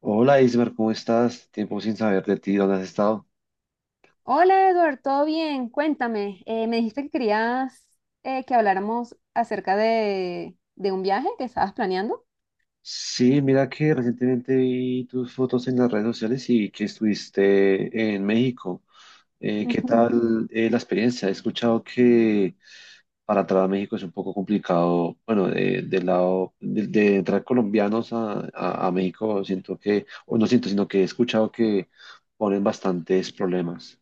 Hola Ismer, ¿cómo estás? Tiempo sin saber de ti, ¿dónde has estado? Hola Edward, ¿todo bien? Cuéntame, me dijiste que querías que habláramos acerca de un viaje que estabas planeando. Sí, mira que recientemente vi tus fotos en las redes sociales y que estuviste en México. ¿Qué Ujú. tal la experiencia? He escuchado que para entrar a México es un poco complicado, bueno, del lado de entrar colombianos a México, siento que, o no siento, sino que he escuchado que ponen bastantes problemas.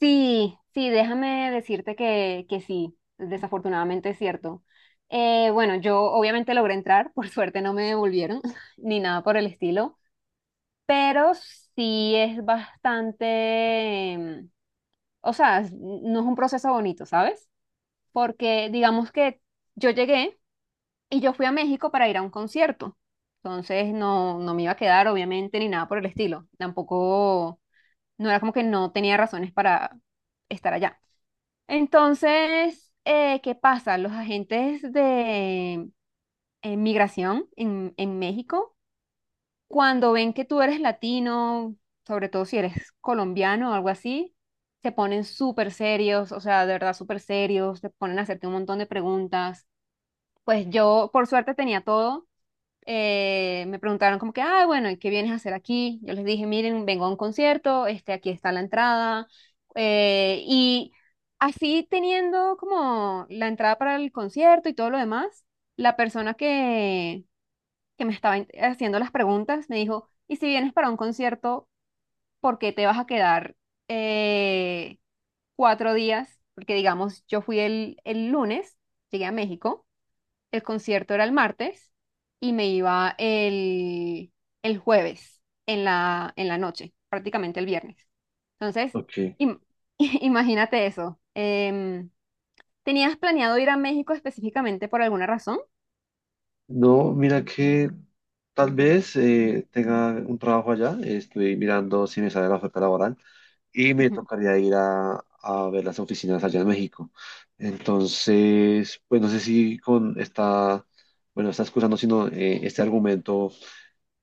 Sí, déjame decirte que sí, desafortunadamente es cierto. Bueno, yo obviamente logré entrar, por suerte no me devolvieron ni nada por el estilo, pero sí es bastante, o sea, no es un proceso bonito, ¿sabes? Porque digamos que yo llegué. Y yo fui a México para ir a un concierto. Entonces no me iba a quedar, obviamente, ni nada por el estilo. Tampoco, no era como que no tenía razones para estar allá. Entonces, ¿qué pasa? Los agentes de migración en México, cuando ven que tú eres latino, sobre todo si eres colombiano o algo así, se ponen súper serios, o sea, de verdad súper serios, te ponen a hacerte un montón de preguntas. Pues yo, por suerte, tenía todo me preguntaron como que, ah, bueno, ¿y qué vienes a hacer aquí? Yo les dije, miren, vengo a un concierto, este, aquí está la entrada. Y así teniendo como la entrada para el concierto y todo lo demás, la persona que me estaba haciendo las preguntas me dijo, ¿y si vienes para un concierto, por qué te vas a quedar eh, cuatro días? Porque digamos, yo fui el lunes, llegué a México. El concierto era el martes y me iba el jueves en la noche, prácticamente el viernes. Entonces, Ok. im- imagínate eso. ¿Tenías planeado ir a México específicamente por alguna razón? No, mira que tal vez tenga un trabajo allá. Estoy mirando si me sale la oferta laboral y me Ujú. tocaría ir a ver las oficinas allá en México. Entonces, pues no sé si con esta, bueno, está excusando, sino este argumento,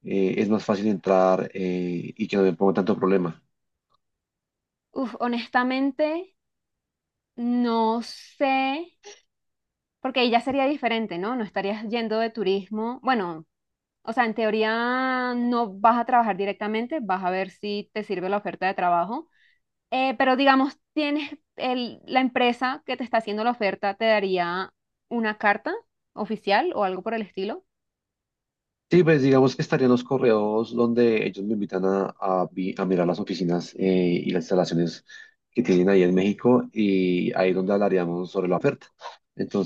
es más fácil entrar y que no me ponga tanto problema. Uf, honestamente, no sé, porque ahí ya sería diferente, ¿no? No estarías yendo de turismo. Bueno, o sea, en teoría no vas a trabajar directamente, vas a ver si te sirve la oferta de trabajo. Pero digamos, tienes el, la empresa que te está haciendo la oferta, te daría una carta oficial o algo por el estilo. Sí, pues digamos que estarían los correos donde ellos me invitan a mirar las oficinas y las instalaciones que tienen ahí en México, y ahí es donde hablaríamos sobre la oferta.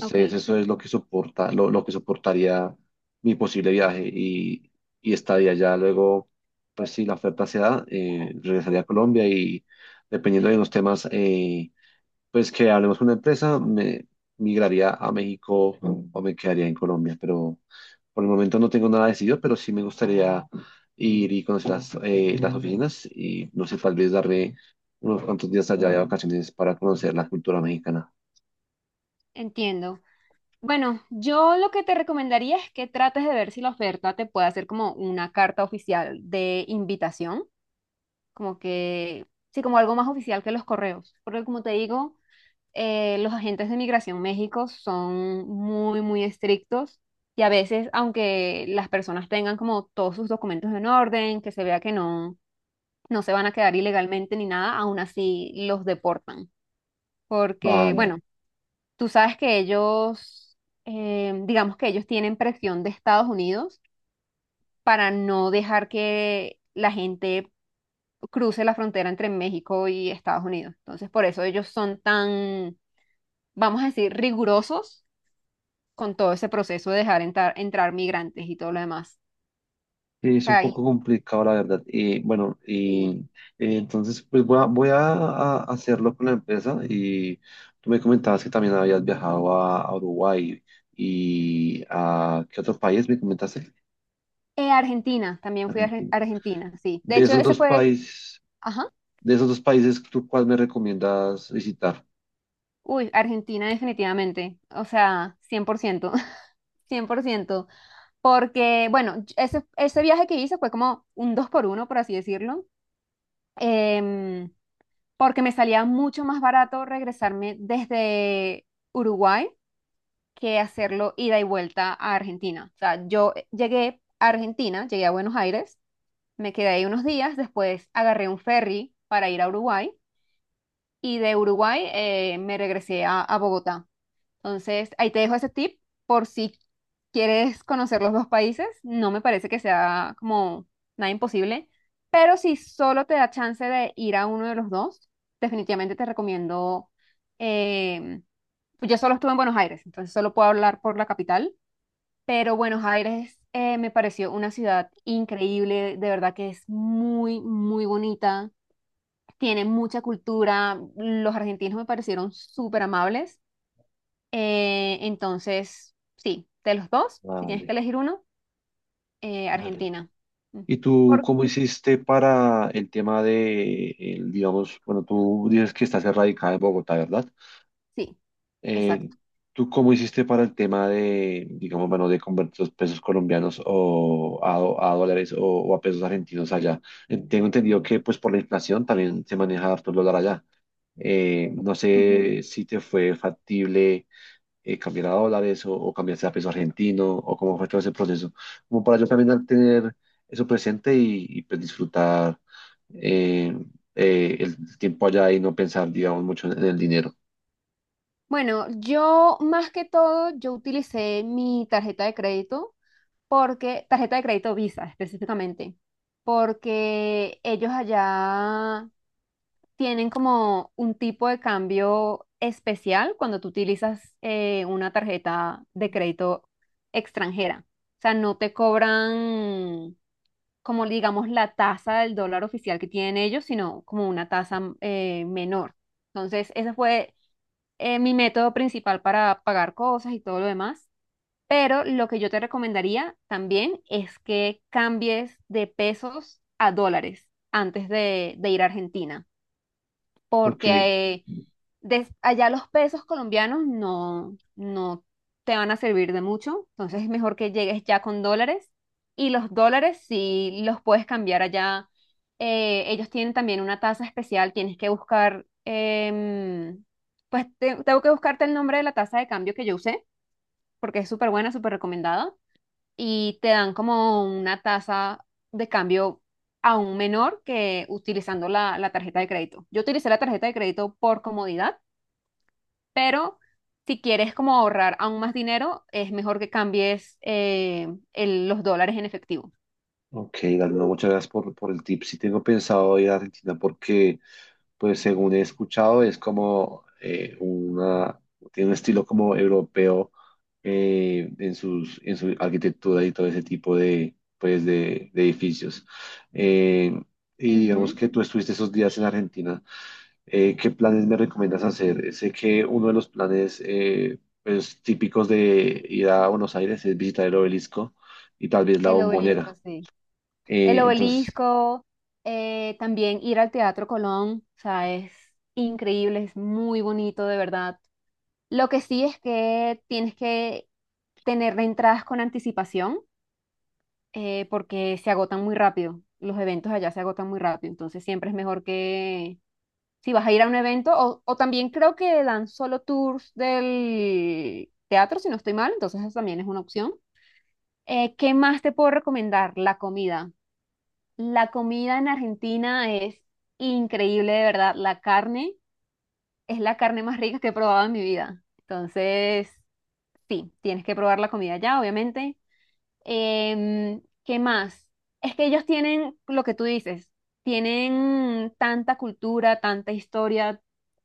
Ok, eso es lo que soporta, lo que soportaría mi posible viaje, y estaría ya luego, pues si la oferta se da, regresaría a Colombia y dependiendo de los temas, pues que hablemos con la empresa, me migraría a México o me quedaría en Colombia, pero... Por el momento no tengo nada decidido, pero sí me gustaría ir y conocer las oficinas, y no sé, tal vez darme unos cuantos días allá de vacaciones para conocer la cultura mexicana. entiendo. Bueno, yo lo que te recomendaría es que trates de ver si la oferta te puede hacer como una carta oficial de invitación, como que, sí, como algo más oficial que los correos. Porque como te digo, los agentes de migración México son muy estrictos y a veces, aunque las personas tengan como todos sus documentos en orden, que se vea que no se van a quedar ilegalmente ni nada, aún así los deportan. Porque, Vale. bueno, tú sabes que ellos, digamos que ellos tienen presión de Estados Unidos para no dejar que la gente cruce la frontera entre México y Estados Unidos. Entonces, por eso ellos son tan, vamos a decir, rigurosos con todo ese proceso de dejar entrar migrantes y todo lo demás. Sí, O es un sea, poco complicado la verdad. Bueno, y sí. Entonces pues a hacerlo con la empresa. Y tú me comentabas que también habías viajado a Uruguay y a ¿qué otro país me comentaste? Argentina, también fui a Argentina. Argentina, sí. De De hecho, esos ese dos fue, países, ajá, de esos dos países, ¿tú cuál me recomiendas visitar? uy, Argentina definitivamente, o sea, cien por ciento, 100%, porque, bueno, ese viaje que hice fue como un dos por uno, por así decirlo, em, porque me salía mucho más barato regresarme desde Uruguay que hacerlo ida y vuelta a Argentina. O sea, yo llegué a Argentina, llegué a Buenos Aires. Me quedé ahí unos días, después agarré un ferry para ir a Uruguay y de Uruguay me regresé a Bogotá. Entonces, ahí te dejo ese tip por si quieres conocer los dos países. No me parece que sea como nada imposible, pero si solo te da chance de ir a uno de los dos, definitivamente te recomiendo. em, yo solo estuve en Buenos Aires, entonces solo puedo hablar por la capital, pero bueno, Aires me pareció una ciudad increíble, de verdad que es muy, muy bonita, tiene mucha cultura, los argentinos me parecieron súper amables, entonces, sí, de los dos, si tienes que Vale, elegir uno, vale. Argentina. Mm, ¿Y tú Por- cómo hiciste para el tema de, el, digamos, bueno, tú dices que estás erradicada en Bogotá, ¿verdad? Sí, Eh, exacto. ¿Tú cómo hiciste para el tema de, digamos, bueno, de convertir los pesos colombianos a dólares, o a pesos argentinos allá? Tengo entendido que, pues, por la inflación también se maneja harto el dólar allá. No Ujú. sé si te fue factible cambiar a dólares, o cambiarse a peso argentino, o cómo fue todo ese proceso, como para yo también al tener eso presente y, pues disfrutar eh, el tiempo allá y no pensar, digamos, mucho en el dinero. Bueno, yo más que todo, yo utilicé mi tarjeta de crédito porque, tarjeta de crédito Visa específicamente, porque ellos allá tienen como un tipo de cambio especial cuando tú utilizas una tarjeta de crédito extranjera. O sea, no te cobran como digamos la tasa del dólar oficial que tienen ellos, sino como una tasa menor. Entonces, ese fue mi método principal para pagar cosas y todo lo demás. Pero lo que yo te recomendaría también es que cambies de pesos a dólares antes de ir a Argentina, Ok. porque allá los pesos colombianos no te van a servir de mucho, entonces es mejor que llegues ya con dólares y los dólares si los puedes cambiar allá. Eh, ellos tienen también una tasa especial, tienes que buscar, pues tengo que buscarte el nombre de la tasa de cambio que yo usé, porque es súper buena, súper recomendada, y te dan como una tasa de cambio aún menor que utilizando la tarjeta de crédito. Yo utilicé la tarjeta de crédito por comodidad, pero si quieres como ahorrar aún más dinero, es mejor que cambies los dólares en efectivo. Ok, Galindo, muchas gracias por el tip. Sí tengo pensado ir a Argentina porque, pues según he escuchado, es como tiene un estilo como europeo en sus, en su arquitectura y todo ese tipo de, pues, de edificios. Eh, y digamos Ujú. que tú estuviste esos días en Argentina. ¿Qué planes me recomiendas hacer? Sé que uno de los planes, pues, típicos de ir a Buenos Aires es visitar el obelisco y tal vez la El obelisco, bombonera. sí. El Eh, entonces, obelisco, también ir al Teatro Colón, o sea, es increíble, es muy bonito, de verdad. Lo que sí es que tienes que tener entradas con anticipación, porque se agotan muy rápido. Los eventos allá se agotan muy rápido, entonces siempre es mejor que si vas a ir a un evento, o también creo que dan solo tours del teatro, si no estoy mal, entonces esa también es una opción. ¿Qué más te puedo recomendar? La comida. La comida en Argentina es increíble, de verdad. La carne es la carne más rica que he probado en mi vida. Entonces, sí, tienes que probar la comida allá, obviamente. ¿Qué más? Es que ellos tienen lo que tú dices, tienen tanta cultura, tanta historia,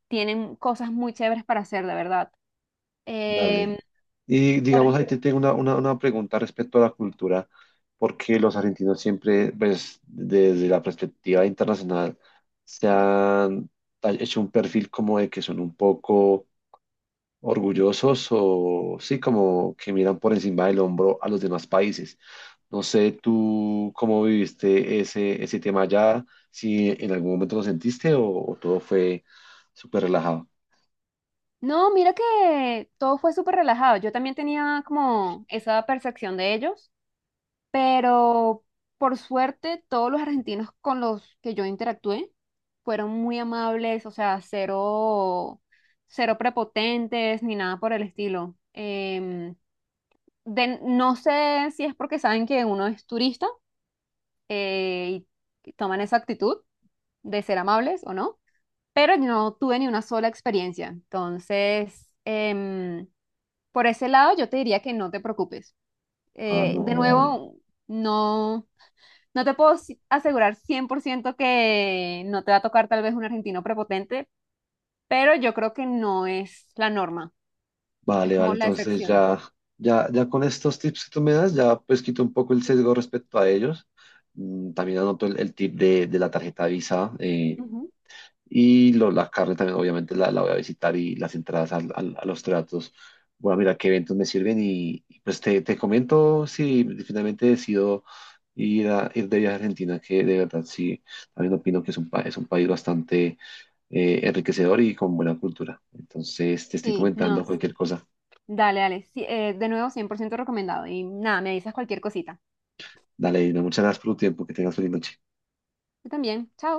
tienen cosas muy chéveres para hacer, de verdad. Em, dale. Y por- digamos, ahí te tengo una pregunta respecto a la cultura, porque los argentinos siempre, pues, desde la perspectiva internacional, se han hecho un perfil como de que son un poco orgullosos o sí, como que miran por encima del hombro a los demás países. No sé tú cómo viviste ese, ese tema allá, si en algún momento lo sentiste, o todo fue súper relajado. No, mira que todo fue súper relajado. Yo también tenía como esa percepción de ellos, pero por suerte todos los argentinos con los que yo interactué fueron muy amables, o sea, cero, cero prepotentes ni nada por el estilo. No sé si es porque saben que uno es turista eh, y toman esa actitud de ser amables o no, pero yo no tuve ni una sola experiencia. Entonces, por ese lado, yo te diría que no te preocupes. Ah, no, De dale. nuevo, no, no te puedo asegurar 100% que no te va a tocar tal vez un argentino prepotente, pero yo creo que no es la norma, es Vale, vale, como la entonces excepción. ya, ya, ya con estos tips que tú me das, ya pues quito un poco el sesgo respecto a ellos. Mm. También anoto el tip de la tarjeta Visa, Ujú. y la carne también obviamente la, la voy a visitar, y las entradas a los tratos. Voy a mirar qué eventos me sirven y, pues te comento si finalmente decido ir, ir de viaje a Argentina, que de verdad sí, también opino que es es un país bastante enriquecedor y con buena cultura. Entonces te estoy Sí, no. comentando cualquier cosa. Dale, dale. Sí, de nuevo, 100% recomendado. Y nada, me avisas cualquier cosita. Dale, Dina, muchas gracias por tu tiempo, que tengas feliz noche. Yo también. Chao.